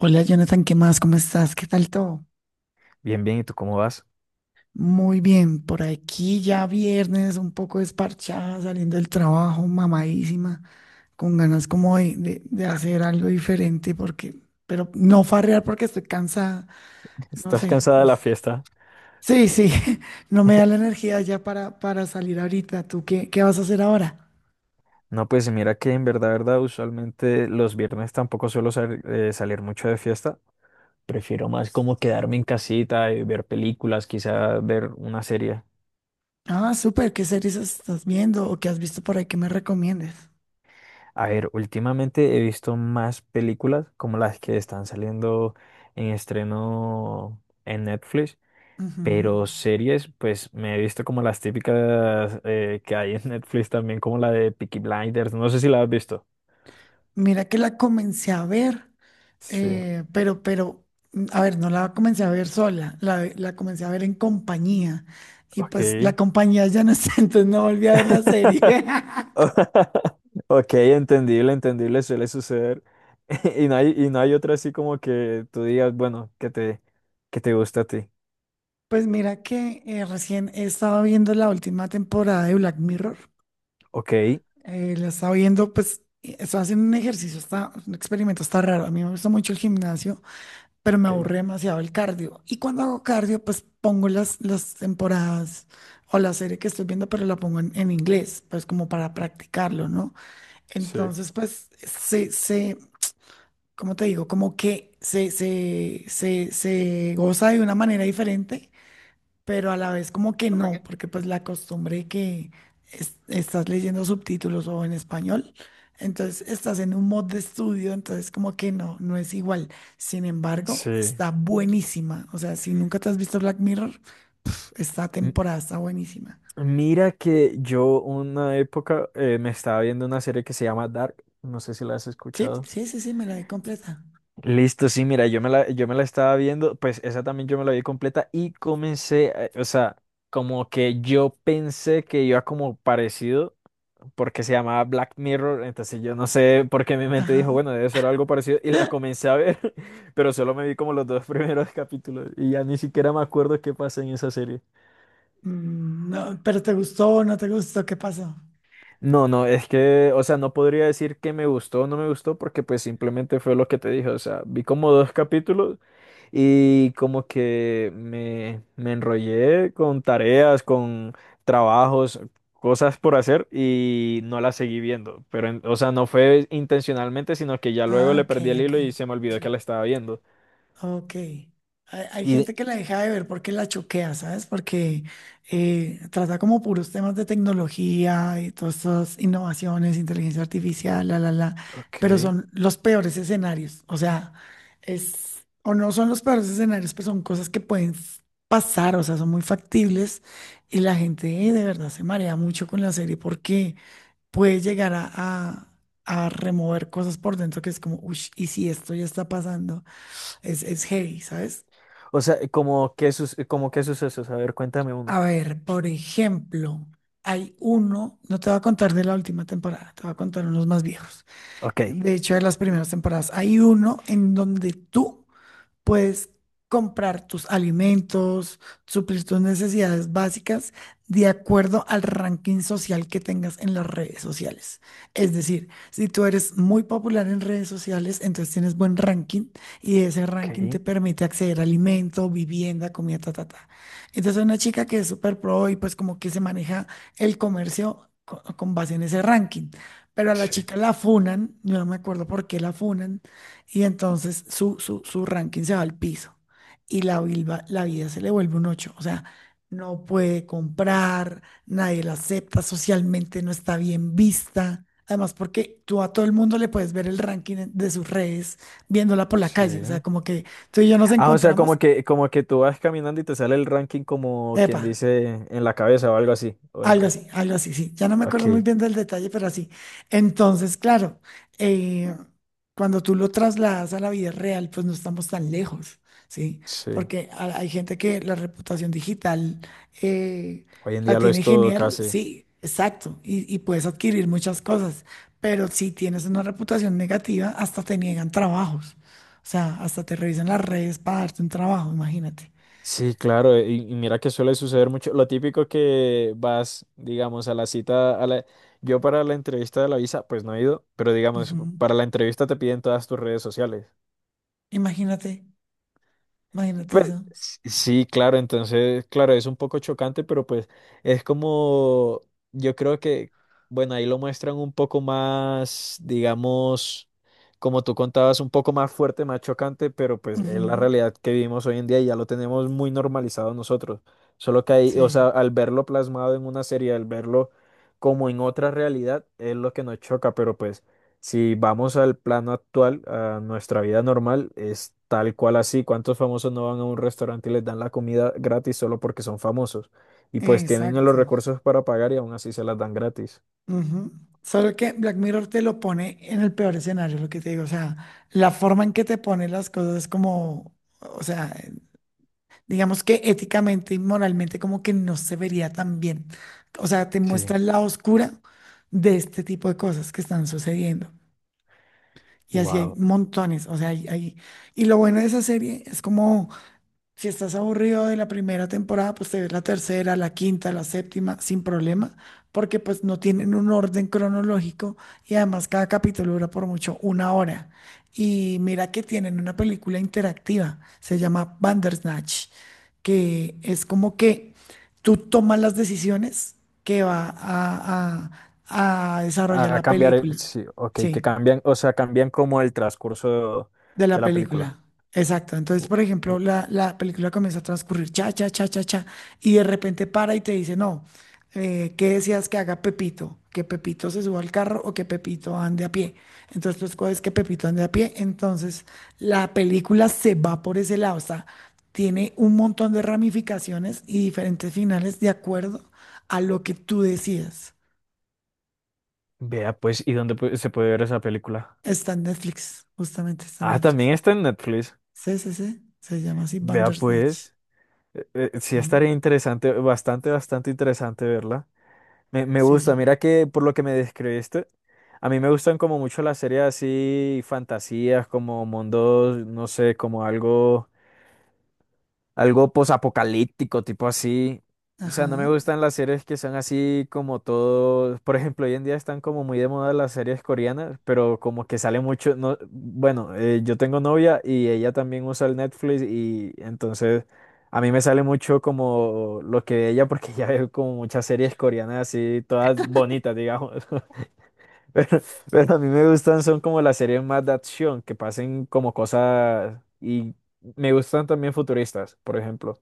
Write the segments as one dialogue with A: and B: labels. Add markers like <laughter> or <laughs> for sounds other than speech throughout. A: Hola Jonathan, ¿qué más? ¿Cómo estás? ¿Qué tal todo?
B: Bien, bien, ¿y tú cómo vas?
A: Muy bien, por aquí ya viernes, un poco desparchada, saliendo del trabajo, mamadísima, con ganas como de hacer algo diferente, porque, pero no farrear porque estoy cansada,
B: <laughs>
A: no
B: ¿Estás
A: sé.
B: cansada de la
A: Pues,
B: fiesta?
A: sí, sí, <laughs> no me da la energía ya para salir ahorita. ¿Tú qué vas a hacer ahora?
B: No, pues mira que en verdad, verdad, usualmente los viernes tampoco suelo salir mucho de fiesta. Prefiero más como quedarme en casita y ver películas, quizá ver una serie.
A: Ah, súper, ¿qué series estás viendo o qué has visto por ahí que me recomiendes?
B: A ver, últimamente he visto más películas como las que están saliendo en estreno en Netflix,
A: Ujú.
B: pero series, pues me he visto como las típicas que hay en Netflix también, como la de Peaky Blinders. No sé si la has visto.
A: Mira que la comencé a ver.
B: Sí,
A: eh, pero, pero, a ver, no la comencé a ver sola, la comencé a ver en compañía. Y pues la
B: ok.
A: compañía ya no está, <laughs> entonces no volví a ver la serie.
B: <laughs>
A: <laughs>
B: Ok, entendible, entendible, suele suceder. <laughs> Y no hay otra así como que tú digas, bueno, que te gusta a ti.
A: Pues mira que recién he estado viendo la última temporada de Black Mirror.
B: Ok,
A: La estaba viendo, pues, y estaba haciendo un ejercicio, está, un experimento, está raro. A mí me gusta mucho el gimnasio, pero me
B: ok,
A: aburre demasiado el cardio. Y cuando hago cardio, pues pongo las temporadas o la serie que estoy viendo, pero la pongo en inglés, pues como para practicarlo, ¿no?
B: sí,
A: Entonces, pues, ¿cómo te digo? Como que se goza de una manera diferente, pero a la vez como que no, porque pues la costumbre que estás leyendo subtítulos o en español, entonces estás en un mod de estudio, entonces como que no, no es igual. Sin embargo,
B: sí.
A: está buenísima. O sea, si nunca te has visto Black Mirror, esta
B: M-
A: temporada está buenísima.
B: Mira que yo una época me estaba viendo una serie que se llama Dark, no sé si la has
A: Sí,
B: escuchado.
A: sí, sí, sí, me la vi completa.
B: Listo, sí, mira, yo me la estaba viendo, pues esa también yo me la vi completa y comencé, o sea, como que yo pensé que iba como parecido, porque se llamaba Black Mirror, entonces yo no sé por qué mi mente dijo,
A: Ajá.
B: bueno, debe ser algo parecido y la comencé a ver, <laughs> pero solo me vi como los dos <laughs> primeros capítulos y ya ni siquiera me acuerdo qué pasa en esa serie.
A: No, pero ¿te gustó no te gustó? ¿Qué pasó?
B: No, no, es que, o sea, no podría decir que me gustó o no me gustó porque pues simplemente fue lo que te dije, o sea, vi como dos capítulos y como que me enrollé con tareas, con trabajos, cosas por hacer y no las seguí viendo, pero, o sea, no fue intencionalmente, sino que ya luego
A: Ah,
B: le
A: ok,
B: perdí el
A: ok,
B: hilo y se me olvidó que la estaba viendo.
A: ok. Hay
B: Y, de-
A: gente que la deja de ver porque la choquea, ¿sabes? Porque trata como puros temas de tecnología y todas estas innovaciones, inteligencia artificial,
B: ok,
A: pero son los peores escenarios. O sea, es, o no son los peores escenarios, pero son cosas que pueden pasar, o sea, son muy factibles y la gente de verdad se marea mucho con la serie porque... puede llegar a remover cosas por dentro que es como, uy, y si esto ya está pasando, es heavy, ¿sabes?
B: o sea, como qué sucesos, a ver, cuéntame
A: A
B: uno.
A: ver, por ejemplo, hay uno, no te voy a contar de la última temporada, te voy a contar unos más viejos.
B: Ok,
A: De hecho, de las primeras temporadas, hay uno en donde tú puedes comprar tus alimentos, suplir tus necesidades básicas de acuerdo al ranking social que tengas en las redes sociales. Es decir, si tú eres muy popular en redes sociales, entonces tienes buen ranking y ese ranking
B: ok,
A: te permite acceder a alimento, vivienda, comida, ta, ta, ta. Entonces una chica que es súper pro y pues como que se maneja el comercio con base en ese ranking. Pero a la
B: sí,
A: chica la funan, yo no me acuerdo por qué la funan, y entonces su ranking se va al piso y la vida se le vuelve un ocho. O sea, no puede comprar, nadie la acepta, socialmente no está bien vista. Además, porque tú a todo el mundo le puedes ver el ranking de sus redes viéndola por la calle. O sea,
B: sí.
A: como que tú y yo nos
B: Ah, o sea,
A: encontramos,
B: como que tú vas caminando y te sale el ranking como quien
A: epa,
B: dice en la cabeza o algo así.
A: algo así, algo así, sí. Ya no me acuerdo muy
B: Ok,
A: bien del detalle, pero así. Entonces, claro, eh, cuando tú lo trasladas a la vida real, pues no estamos tan lejos, ¿sí?
B: sí.
A: Porque hay gente que la reputación digital eh,
B: Hoy en
A: la
B: día lo
A: tiene
B: es todo
A: genial,
B: casi.
A: sí, exacto, y puedes adquirir muchas cosas, pero si tienes una reputación negativa, hasta te niegan trabajos. O sea, hasta te revisan las redes para darte un trabajo, imagínate.
B: Sí, claro, y mira que suele suceder mucho. Lo típico que vas, digamos, a la cita. Yo para la entrevista de la visa, pues no he ido, pero digamos,
A: Ujú.
B: para la entrevista te piden todas tus redes sociales.
A: Imagínate, imagínate
B: Pues,
A: eso.
B: sí, claro, entonces, claro, es un poco chocante, pero pues es como, yo creo que, bueno, ahí lo muestran un poco más, digamos, como tú contabas, un poco más fuerte, más chocante, pero pues es la
A: Ujú.
B: realidad que vivimos hoy en día y ya lo tenemos muy normalizado nosotros. Solo que ahí, o
A: Sí.
B: sea, al verlo plasmado en una serie, al verlo como en otra realidad, es lo que nos choca, pero pues. Si vamos al plano actual, a nuestra vida normal, es tal cual así. ¿Cuántos famosos no van a un restaurante y les dan la comida gratis solo porque son famosos? Y pues tienen los
A: Exacto.
B: recursos para pagar y aún así se las dan gratis.
A: Ujú. Solo que Black Mirror te lo pone en el peor escenario, lo que te digo. O sea, la forma en que te pone las cosas es como, o sea, digamos que éticamente y moralmente como que no se vería tan bien. O sea, te muestra
B: Sí,
A: el lado oscura de este tipo de cosas que están sucediendo. Y así hay
B: wow.
A: montones. O sea, y lo bueno de esa serie es como... Si estás aburrido de la primera temporada, pues te ves la tercera, la quinta, la séptima, sin problema, porque pues no tienen un orden cronológico y además cada capítulo dura por mucho una hora. Y mira que tienen una película interactiva, se llama Bandersnatch, que es como que tú tomas las decisiones que va a desarrollar
B: A
A: la
B: cambiar el,
A: película.
B: sí, ok, que
A: Sí.
B: cambian, o sea, cambian como el transcurso
A: De
B: de
A: la
B: la película.
A: película. Exacto. Entonces,
B: O-
A: por ejemplo,
B: o-
A: la película comienza a transcurrir cha, cha, cha, cha, cha, y de repente para y te dice, no, ¿qué decías que haga Pepito? ¿Que Pepito se suba al carro o que Pepito ande a pie? Entonces, pues coges que Pepito ande a pie. Entonces, la película se va por ese lado. O sea, tiene un montón de ramificaciones y diferentes finales de acuerdo a lo que tú decidas.
B: Vea pues, ¿y dónde se puede ver esa película?
A: Está en Netflix, justamente está en
B: Ah, también
A: Netflix.
B: está en Netflix.
A: Sí, sí, sí. Se llama así
B: Vea
A: Bandersnatch.
B: pues, sí
A: Sí.
B: estaría interesante, bastante, bastante interesante verla. Me gusta,
A: Sí,
B: mira que por lo que me describiste, a mí me gustan como mucho las series así, fantasías, como mundos, no sé, como algo. Algo posapocalíptico, tipo así. O sea, no me
A: ajá.
B: gustan las series que son así como todo. Por ejemplo, hoy en día están como muy de moda las series coreanas, pero como que sale mucho. No, bueno, yo tengo novia y ella también usa el Netflix y entonces a mí me sale mucho como lo que ve ella porque <laughs> ya veo como muchas series coreanas así, todas bonitas, digamos. <laughs> Pero, pero a mí me gustan son como las series más de acción, que pasen como cosas y me gustan también futuristas, por ejemplo.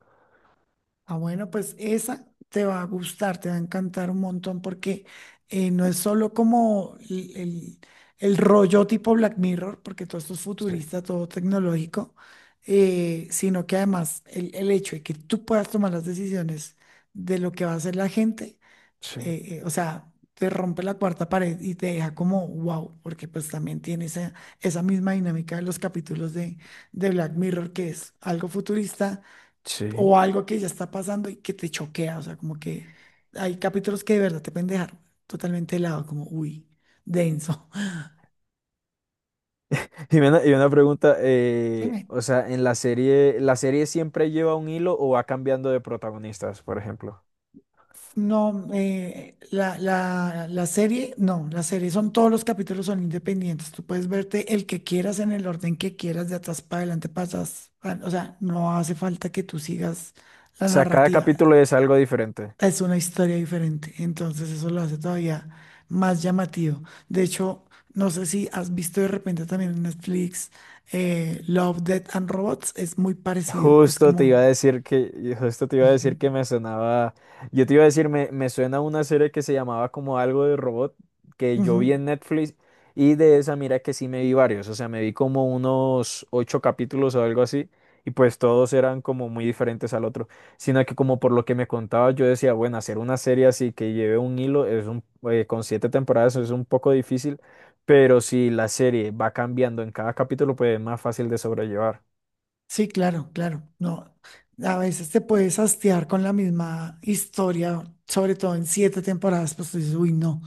A: Ah, bueno, pues esa te va a gustar, te va a encantar un montón porque no es solo como el rollo tipo Black Mirror, porque todo esto es
B: Sí,
A: futurista, todo tecnológico, sino que además el hecho de que tú puedas tomar las decisiones de lo que va a hacer la gente,
B: sí,
A: o sea, te rompe la cuarta pared y te deja como wow, porque pues también tiene esa, esa misma dinámica de los capítulos de Black Mirror, que es algo futurista
B: sí.
A: o algo que ya está pasando y que te choquea, o sea, como que hay capítulos que de verdad te pueden dejar totalmente helado, como, uy, denso. <laughs>
B: Y una pregunta,
A: Dime,
B: o sea, en ¿la serie siempre lleva un hilo o va cambiando de protagonistas, por ejemplo?
A: no, la serie, no, la serie son, todos los capítulos son independientes, tú puedes verte el que quieras en el orden que quieras, de atrás para adelante pasas, o sea, no hace falta que tú sigas la
B: O sea, cada capítulo
A: narrativa.
B: es algo diferente.
A: Es una historia diferente, entonces eso lo hace todavía más llamativo. De hecho, no sé si has visto de repente también en Netflix Love, Death and Robots, es muy parecido, es
B: Justo te iba
A: como...
B: a decir que, justo te iba a
A: Ujú,
B: decir que me sonaba, yo te iba a decir, me suena una serie que se llamaba como algo de robot, que yo
A: ujú.
B: vi en Netflix, y de esa mira que sí me vi varios, o sea, me vi como unos ocho capítulos o algo así, y pues todos eran como muy diferentes al otro, sino que como por lo que me contaba, yo decía, bueno, hacer una serie así que lleve un hilo, con siete temporadas es un poco difícil, pero si la serie va cambiando en cada capítulo, pues es más fácil de sobrellevar.
A: Sí, claro, claro. No, a veces te puedes hastiar con la misma historia, sobre todo en 7 temporadas, pues tú dices, uy, no.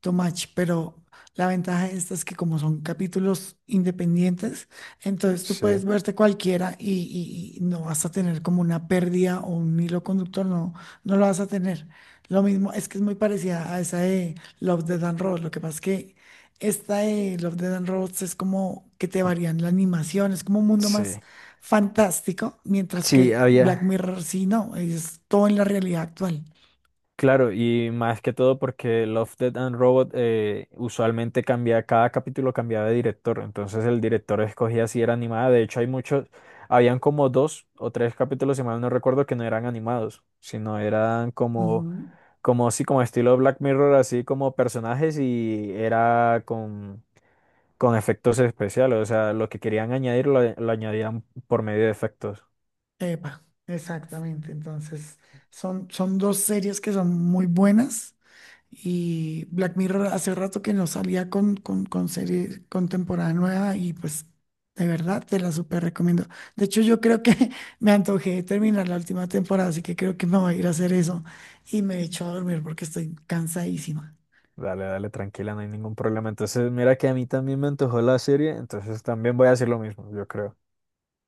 A: Too much, pero la ventaja de esta es que como son capítulos independientes, entonces tú
B: Sí.
A: puedes verte cualquiera y no vas a tener como una pérdida o un hilo conductor, no, no lo vas a tener. Lo mismo es que es muy parecida a esa de Love, Death and Robots, lo que pasa es que esta de Love, Death and Robots es como que te varían la animación, es como un mundo más
B: Sí,
A: fantástico, mientras
B: sí,
A: que Black
B: había,
A: Mirror sí, no, es todo en la realidad actual.
B: claro, y más que todo porque Love, Death and Robot usualmente cambia, cada capítulo cambiaba de director, entonces el director escogía si era animada, de hecho hay muchos, habían como dos o tres capítulos, si mal no recuerdo, que no eran animados, sino eran como así, como estilo Black Mirror, así como personajes y era con efectos especiales, o sea, lo que querían añadir lo añadían por medio de efectos.
A: Epa, exactamente. Entonces, son, son dos series que son muy buenas. Y Black Mirror hace rato que no salía con serie, con temporada nueva y pues de verdad te la súper recomiendo. De hecho, yo creo que <laughs> me antojé de terminar la última temporada, así que creo que me voy a ir a hacer eso y me echo a dormir porque estoy cansadísima.
B: Dale, dale, tranquila, no hay ningún problema. Entonces, mira que a mí también me antojó la serie, entonces también voy a hacer lo mismo, yo creo.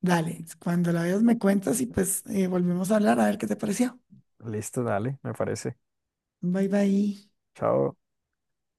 A: Dale, cuando la veas me cuentas y pues volvemos a hablar a ver qué te pareció.
B: Listo, dale, me parece.
A: Bye bye.
B: Chao.